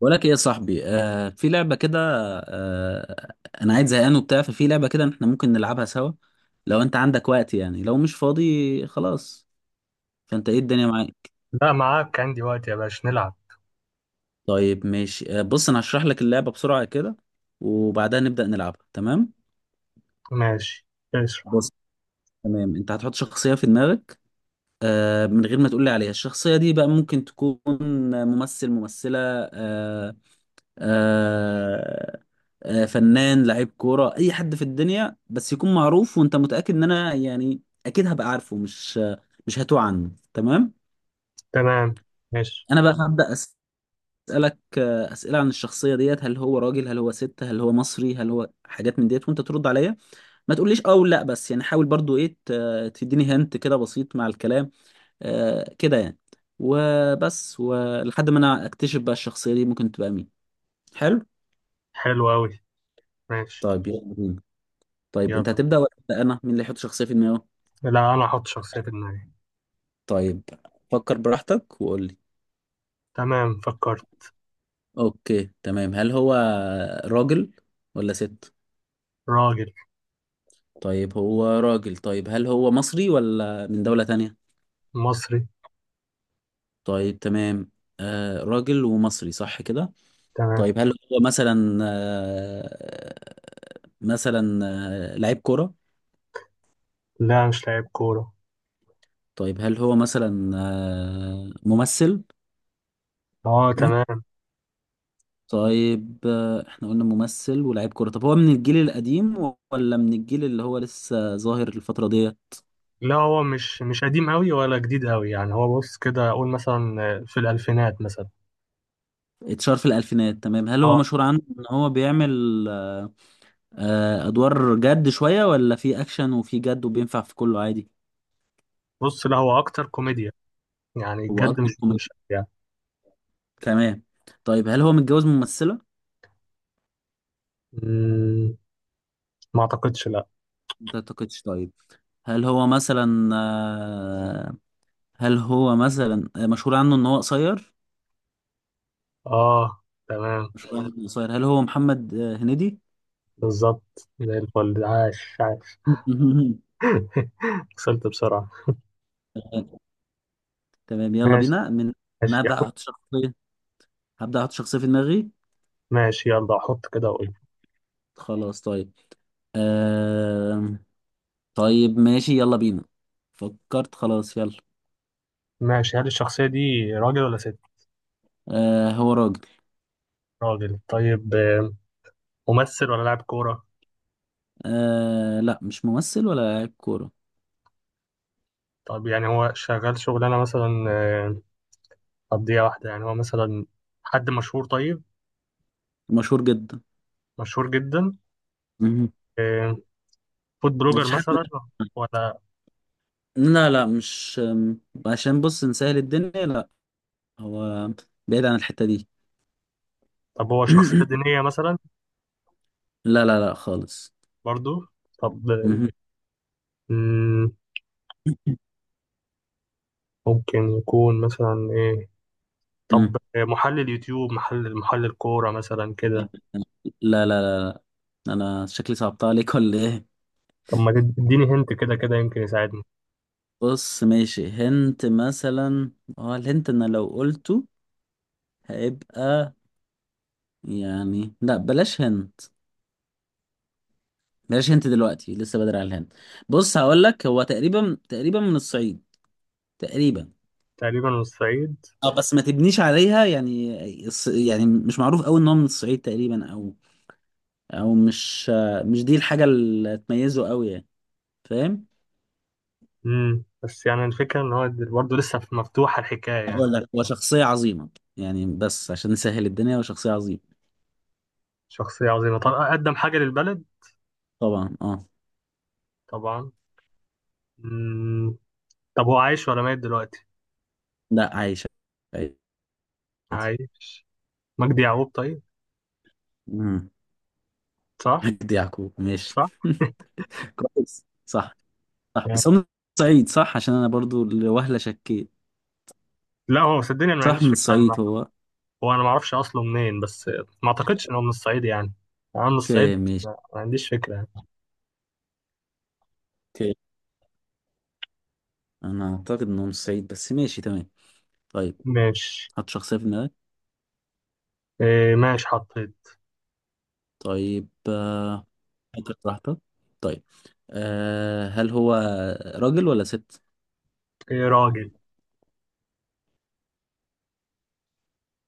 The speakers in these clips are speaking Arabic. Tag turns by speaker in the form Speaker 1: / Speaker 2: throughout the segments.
Speaker 1: بقول لك ايه يا صاحبي، في لعبه كده. آه انا عايز زهقان وبتاع، ففي لعبه كده احنا ممكن نلعبها سوا، لو انت عندك وقت يعني، لو مش فاضي خلاص. فانت ايه الدنيا معاك؟
Speaker 2: لا، معاك. عندي وقت يا باشا، نلعب.
Speaker 1: طيب ماشي، بص انا هشرح لك اللعبه بسرعه كده، وبعدها نبدا نلعبها، تمام؟
Speaker 2: ماشي. ماشي.
Speaker 1: بص، تمام انت هتحط شخصيه في دماغك، من غير ما تقول لي عليها. الشخصيه دي بقى ممكن تكون ممثل، ممثله، آه، آه، فنان، لعيب كورة، أي حد في الدنيا، بس يكون معروف وأنت متأكد إن أنا يعني أكيد هبقى عارفه، مش هتوه عنه، تمام؟
Speaker 2: تمام. ماشي.
Speaker 1: أنا بقى هبدأ أسألك أسئلة عن الشخصية ديت، هل هو راجل، هل هو ست، هل هو مصري، هل هو حاجات من ديت، وأنت ترد عليا. ما تقوليش أه ولا لأ، بس يعني حاول برضو إيه، تديني هنت كده بسيط مع الكلام، كده يعني. وبس، ولحد ما أنا أكتشف بقى الشخصية دي ممكن تبقى مين. حلو.
Speaker 2: حلو أوي. ماشي.
Speaker 1: طيب يلا بينا. طيب
Speaker 2: يلا.
Speaker 1: انت هتبدأ ولا أبدأ انا؟ مين اللي يحط شخصية في دماغه؟
Speaker 2: لا، أنا أحط شخصية في دماغي.
Speaker 1: طيب فكر براحتك وقول لي.
Speaker 2: تمام، فكرت.
Speaker 1: اوكي تمام، هل هو راجل ولا ست؟
Speaker 2: راجل
Speaker 1: طيب هو راجل، طيب هل هو مصري ولا من دولة تانية؟
Speaker 2: مصري.
Speaker 1: طيب تمام، راجل ومصري، صح كده؟
Speaker 2: تمام.
Speaker 1: طيب هل هو مثلا، مثلا لعيب كرة؟
Speaker 2: لا، مش لاعب كورة.
Speaker 1: طيب هل هو مثلا ممثل؟
Speaker 2: اه، تمام.
Speaker 1: طيب، احنا قلنا ممثل ولاعيب كورة، طب هو من الجيل القديم ولا من الجيل اللي هو لسه ظاهر الفترة دي؟
Speaker 2: لا، هو مش قديم أوي ولا جديد أوي، يعني هو بص كده، أقول مثلا في الألفينات مثلا.
Speaker 1: اتشهر في الألفينات، تمام. هل هو
Speaker 2: اه،
Speaker 1: مشهور عنه ان هو بيعمل أدوار جد شوية، ولا في أكشن وفي جد وبينفع في كله عادي؟
Speaker 2: بص، لا هو أكتر كوميديا، يعني
Speaker 1: هو
Speaker 2: بجد
Speaker 1: أكتر
Speaker 2: مش
Speaker 1: كوميدي،
Speaker 2: يعني.
Speaker 1: تمام. طيب هل هو متجوز من ممثلة؟
Speaker 2: مم، ما أعتقدش، لا.
Speaker 1: ما أعتقدش، طيب. هل هو مثلا مشهور عنه ان هو قصير؟
Speaker 2: اه، تمام.
Speaker 1: مشهور عنه إنه قصير، هل هو محمد هنيدي؟
Speaker 2: بالظبط زي الفل، عاش عاش. وصلت بسرعة.
Speaker 1: تمام، يلا
Speaker 2: ماشي.
Speaker 1: بينا من
Speaker 2: ماشي.
Speaker 1: انا، هبدأ احط شخصية، هبدأ احط شخصية في دماغي.
Speaker 2: ماشي، يلا أحط كده وأقول.
Speaker 1: خلاص طيب، آه... طيب ماشي يلا بينا. فكرت خلاص، يلا.
Speaker 2: ماشي، هل الشخصية دي راجل ولا ست؟
Speaker 1: آه هو راجل.
Speaker 2: راجل. طيب، ممثل ولا لاعب كورة؟
Speaker 1: آه لا، مش ممثل ولا لاعب كورة.
Speaker 2: طب يعني هو شغال شغلانة مثلا، قضية واحدة، يعني هو مثلا حد مشهور، طيب.
Speaker 1: مشهور جدا.
Speaker 2: مشهور جدا.
Speaker 1: مهم.
Speaker 2: آه، فود بلوجر
Speaker 1: مفيش حد،
Speaker 2: مثلا؟ ولا...
Speaker 1: لا لا، مش أم، عشان بص نسهل الدنيا، لا، هو بعيد عن الحتة دي.
Speaker 2: طب هو شخصية دينية مثلا؟
Speaker 1: لا لا لا خالص.
Speaker 2: برضو. طب
Speaker 1: مهم.
Speaker 2: مم، ممكن يكون مثلا إيه؟
Speaker 1: مم.
Speaker 2: طب محلل يوتيوب، محلل كورة مثلا كده.
Speaker 1: لا لا لا. انا شكلي صعبتها عليك ولا ايه؟
Speaker 2: طب ما تديني هنت، كده كده يمكن يساعدني.
Speaker 1: بص ماشي، هنت مثلا. اه الهنت انا لو قلته هيبقى يعني، لا بلاش هنت، بلاش هنت دلوقتي، لسه بدري على الهنت. بص هقول لك، هو تقريبا، تقريبا من الصعيد، تقريبا.
Speaker 2: تقريبا من الصعيد.
Speaker 1: اه بس ما تبنيش عليها يعني، يعني مش معروف قوي ان هو من الصعيد تقريبا، او او مش دي الحاجة اللي تميزه قوي يعني، فاهم؟
Speaker 2: بس يعني الفكرة ان هو برضه لسه مفتوحة الحكاية يعني.
Speaker 1: هقول لك هو شخصية عظيمة يعني، بس عشان نسهل الدنيا هو شخصية عظيمة.
Speaker 2: شخصية عظيمة، طب قدم حاجة للبلد؟
Speaker 1: طبعا اه.
Speaker 2: طبعا. امم طب هو عايش ولا ميت دلوقتي؟
Speaker 1: لا عايشة، عادي.
Speaker 2: عايش. مجدي يعقوب. طيب. صح.
Speaker 1: مجدي يعقوب، ماشي.
Speaker 2: صح،
Speaker 1: كويس، صح. صح
Speaker 2: يعني.
Speaker 1: بس هو من الصعيد صح، عشان انا برضو لوهلة شكيت،
Speaker 2: لا، هو صدقني، انا ما
Speaker 1: صح
Speaker 2: عنديش
Speaker 1: من
Speaker 2: فكرة عن
Speaker 1: الصعيد
Speaker 2: المعنى.
Speaker 1: هو.
Speaker 2: هو انا ما اعرفش اصله منين، بس ما اعتقدش ان هو من الصعيد يعني. انا من الصعيد.
Speaker 1: اوكي ماشي.
Speaker 2: ما عنديش فكرة يعني.
Speaker 1: اوكي انا اعتقد انه من الصعيد، بس ماشي تمام. طيب
Speaker 2: ماشي.
Speaker 1: حط شخصية في دماغك.
Speaker 2: إيه، ماشي، حطيت.
Speaker 1: طيب فكر براحتك. طيب أه هل هو راجل ولا ست؟
Speaker 2: إيه، راجل.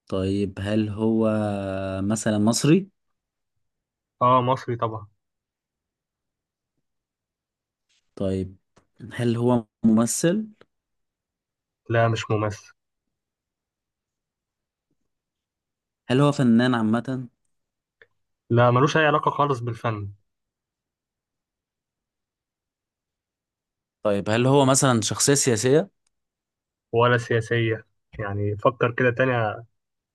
Speaker 1: طيب هل هو مثلا مصري؟
Speaker 2: اه، مصري طبعا.
Speaker 1: طيب هل هو ممثل؟
Speaker 2: لا، مش ممثل.
Speaker 1: هل هو فنان عامة؟
Speaker 2: لا، ملوش أي علاقة خالص بالفن.
Speaker 1: طيب هل هو مثلا شخصية سياسية؟
Speaker 2: ولا سياسية. يعني فكر كده تاني،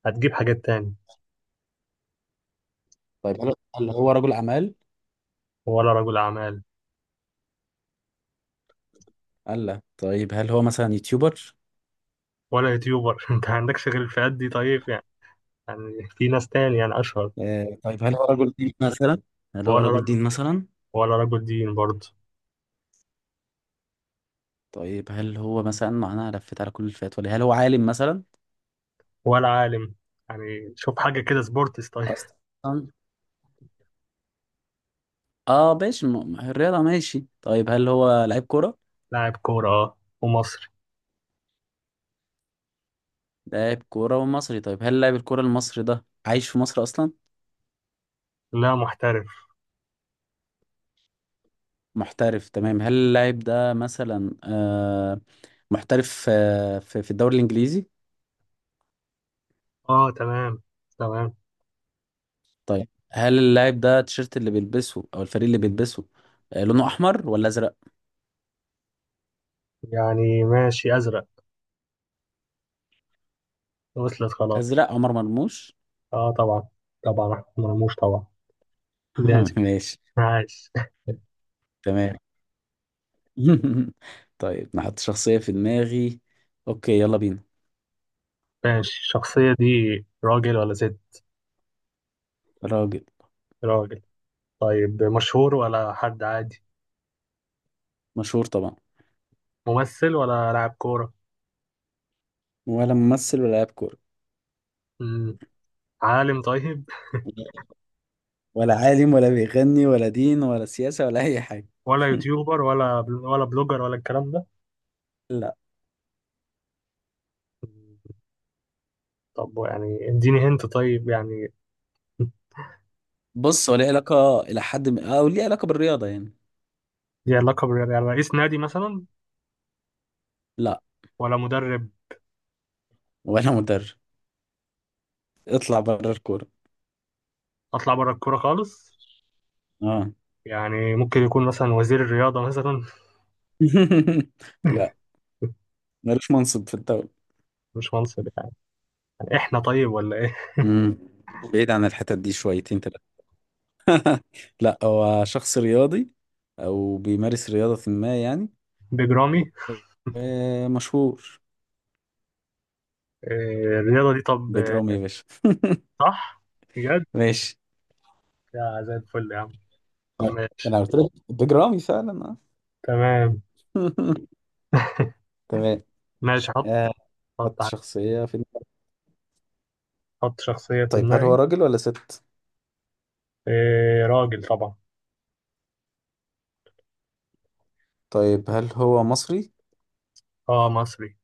Speaker 2: هتجيب حاجات تاني.
Speaker 1: طيب هل هو رجل أعمال؟
Speaker 2: ولا رجل أعمال.
Speaker 1: الله، طيب هل هو مثلا يوتيوبر؟
Speaker 2: ولا يوتيوبر. أنت عندكش غير الفئات دي طيب يعني في ناس تاني يعني أشهر.
Speaker 1: طيب هل هو رجل دين مثلا هل هو
Speaker 2: ولا
Speaker 1: رجل
Speaker 2: رجل
Speaker 1: دين مثلا
Speaker 2: ولا رجل دين برضه.
Speaker 1: طيب هل هو مثلا، معناها لفيت على كل الفئات، ولا هل هو عالم مثلا؟
Speaker 2: ولا عالم. يعني شوف حاجة كده، سبورتس طيب.
Speaker 1: اصلا اه ماشي، الرياضة ماشي. طيب هل هو لعيب كورة؟
Speaker 2: لاعب كورة، أه، ومصري.
Speaker 1: لاعب كورة ومصري، طيب هل لاعب الكورة المصري ده عايش في مصر اصلا؟
Speaker 2: لا، محترف.
Speaker 1: محترف، تمام. هل اللاعب ده مثلا آه محترف آه في في الدوري الانجليزي؟
Speaker 2: أه، تمام. تمام.
Speaker 1: طيب هل اللاعب ده التيشيرت اللي بيلبسه او الفريق اللي بيلبسه لونه احمر ولا ازرق؟
Speaker 2: يعني ماشي، أزرق. وصلت خلاص.
Speaker 1: ازرق، عمر مرموش.
Speaker 2: أه، طبعا. طبعا، أحمد مرموش طبعا. ده
Speaker 1: ماشي،
Speaker 2: عايش.
Speaker 1: تمام. طيب نحط شخصية في دماغي، اوكي يلا بينا.
Speaker 2: ماشي، الشخصية دي راجل ولا ست؟
Speaker 1: راجل.
Speaker 2: راجل. طيب، مشهور ولا حد عادي؟
Speaker 1: مشهور طبعا.
Speaker 2: ممثل ولا لاعب كورة؟
Speaker 1: ولا ممثل ولا لاعب كورة.
Speaker 2: مم. عالم؟ طيب.
Speaker 1: ولا عالم، ولا بيغني، ولا دين، ولا سياسة، ولا أي حاجة.
Speaker 2: ولا يوتيوبر ولا ولا بلوجر ولا الكلام ده؟
Speaker 1: لا.
Speaker 2: مم. طب يعني اديني هنت طيب يعني.
Speaker 1: بص هو ليه علاقة إلى حد ما، أو ليه علاقة بالرياضة يعني.
Speaker 2: دي علاقة بال، يعني رئيس نادي مثلا؟
Speaker 1: لا.
Speaker 2: ولا مدرب؟
Speaker 1: ولا مدرب. اطلع بره الكورة.
Speaker 2: أطلع بره الكورة خالص؟
Speaker 1: اه.
Speaker 2: يعني ممكن يكون مثلا وزير الرياضة مثلا.
Speaker 1: لا، ملوش منصب في الدولة.
Speaker 2: مش منصب يعني؟ يعني احنا طيب ولا ايه؟
Speaker 1: امم بعيد عن الحتت دي شويتين. لا هو شخص رياضي، او بيمارس رياضة ما يعني،
Speaker 2: بجرامي.
Speaker 1: ومشهور.
Speaker 2: إيه الرياضة دي طب؟
Speaker 1: بيج رامي يا باشا.
Speaker 2: صح؟ بجد؟
Speaker 1: ماشي،
Speaker 2: يا زي الفل يا عم. طب ماشي.
Speaker 1: انا قلت لك بيج رامي فعلا، آه.
Speaker 2: تمام.
Speaker 1: تمام.
Speaker 2: ماشي. حط.
Speaker 1: آه،
Speaker 2: حط
Speaker 1: حط
Speaker 2: ع-
Speaker 1: شخصية في دماغي.
Speaker 2: حط شخصية في
Speaker 1: طيب هل هو
Speaker 2: دماغي.
Speaker 1: راجل ولا ست؟
Speaker 2: إيه، راجل طبعا.
Speaker 1: طيب هل هو مصري؟
Speaker 2: اه، مصري.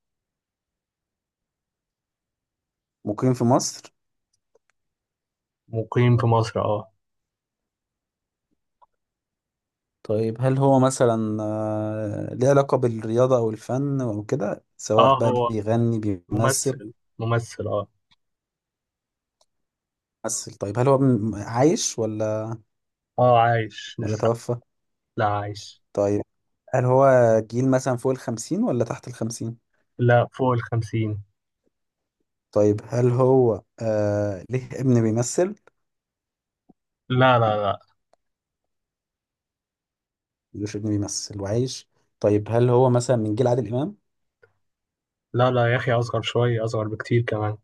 Speaker 1: مقيم في مصر.
Speaker 2: مقيم في مصر، اه.
Speaker 1: طيب هل هو مثلا ليه علاقة بالرياضة او الفن او كده، سواء
Speaker 2: اه،
Speaker 1: بقى
Speaker 2: هو
Speaker 1: بيغني، بيمثل؟
Speaker 2: ممثل. ممثل، اه.
Speaker 1: ممثل. طيب هل هو عايش ولا،
Speaker 2: اه، عايش
Speaker 1: ولا
Speaker 2: لسه.
Speaker 1: توفى؟
Speaker 2: لا، عايش.
Speaker 1: طيب هل هو جيل مثلا فوق الخمسين ولا تحت الخمسين؟
Speaker 2: لا، فوق الخمسين.
Speaker 1: طيب هل هو آه ليه ابن بيمثل؟
Speaker 2: لا لا لا.
Speaker 1: ملوش ابن بيمثل وعايش. طيب هل هو مثلا من جيل عادل إمام؟
Speaker 2: لا لا يا أخي، أصغر شوية، أصغر بكتير كمان.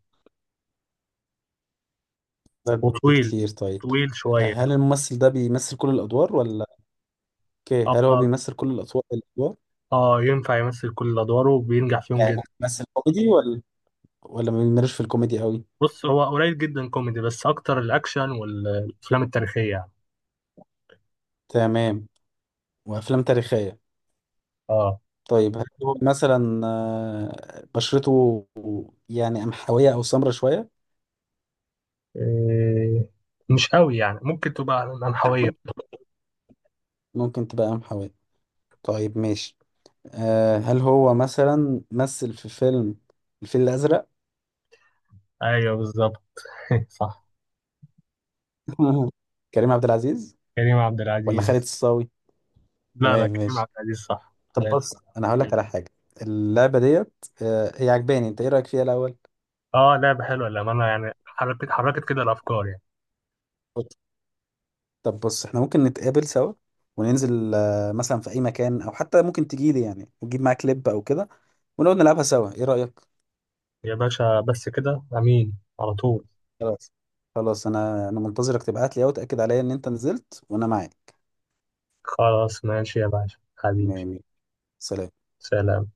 Speaker 1: ده
Speaker 2: وطويل.
Speaker 1: بكتير، طيب.
Speaker 2: طويل شوية.
Speaker 1: هل الممثل ده بيمثل كل الأدوار، ولا، اوكي
Speaker 2: اه.
Speaker 1: هل هو
Speaker 2: اه.
Speaker 1: بيمثل كل الأطوار الأدوار؟
Speaker 2: ينفع يمثل كل أدواره وبينجح فيهم
Speaker 1: يعني
Speaker 2: جدا.
Speaker 1: ممكن يمثل كوميدي، ولا، ولا ما بيميلش في الكوميدي قوي؟
Speaker 2: بص، هو قليل جدا كوميدي، بس أكتر الأكشن والأفلام التاريخية يعني.
Speaker 1: تمام، وأفلام تاريخية.
Speaker 2: اه.
Speaker 1: طيب هل هو مثلا بشرته يعني قمحوية أو سمرة شوية؟
Speaker 2: إيه، مش قوي يعني، ممكن تبقى منحوية.
Speaker 1: ممكن تبقى قمحوية، طيب ماشي. هل هو مثلا مثل في فيلم الفيل الأزرق؟
Speaker 2: ايوه بالظبط. صح.
Speaker 1: كريم عبد العزيز
Speaker 2: كريم عبد
Speaker 1: ولا خالد
Speaker 2: العزيز.
Speaker 1: الصاوي؟
Speaker 2: لا لا،
Speaker 1: تمام
Speaker 2: كريم عبد
Speaker 1: ماشي.
Speaker 2: العزيز صح
Speaker 1: طب
Speaker 2: لا-
Speaker 1: بص أنا هقول لك على حاجة، اللعبة ديت هي عجباني، أنت إيه رأيك فيها الأول؟
Speaker 2: اه، لعبة حلوة للأمانة، يعني حركت حركت كده الأفكار يعني.
Speaker 1: طب بص إحنا ممكن نتقابل سوا، وننزل مثلا في أي مكان، أو حتى ممكن تجيلي يعني وتجيب معاك كليب أو كده، ونقعد نلعبها سوا، إيه رأيك؟
Speaker 2: يا باشا، بس كده أمين على طول.
Speaker 1: خلاص. خلاص أنا منتظرك تبعت لي أهو، تأكد عليا إن أنت نزلت وأنا معاك.
Speaker 2: خلاص، ماشي يا باشا حبيبي.
Speaker 1: تمام، سلام.
Speaker 2: سلام.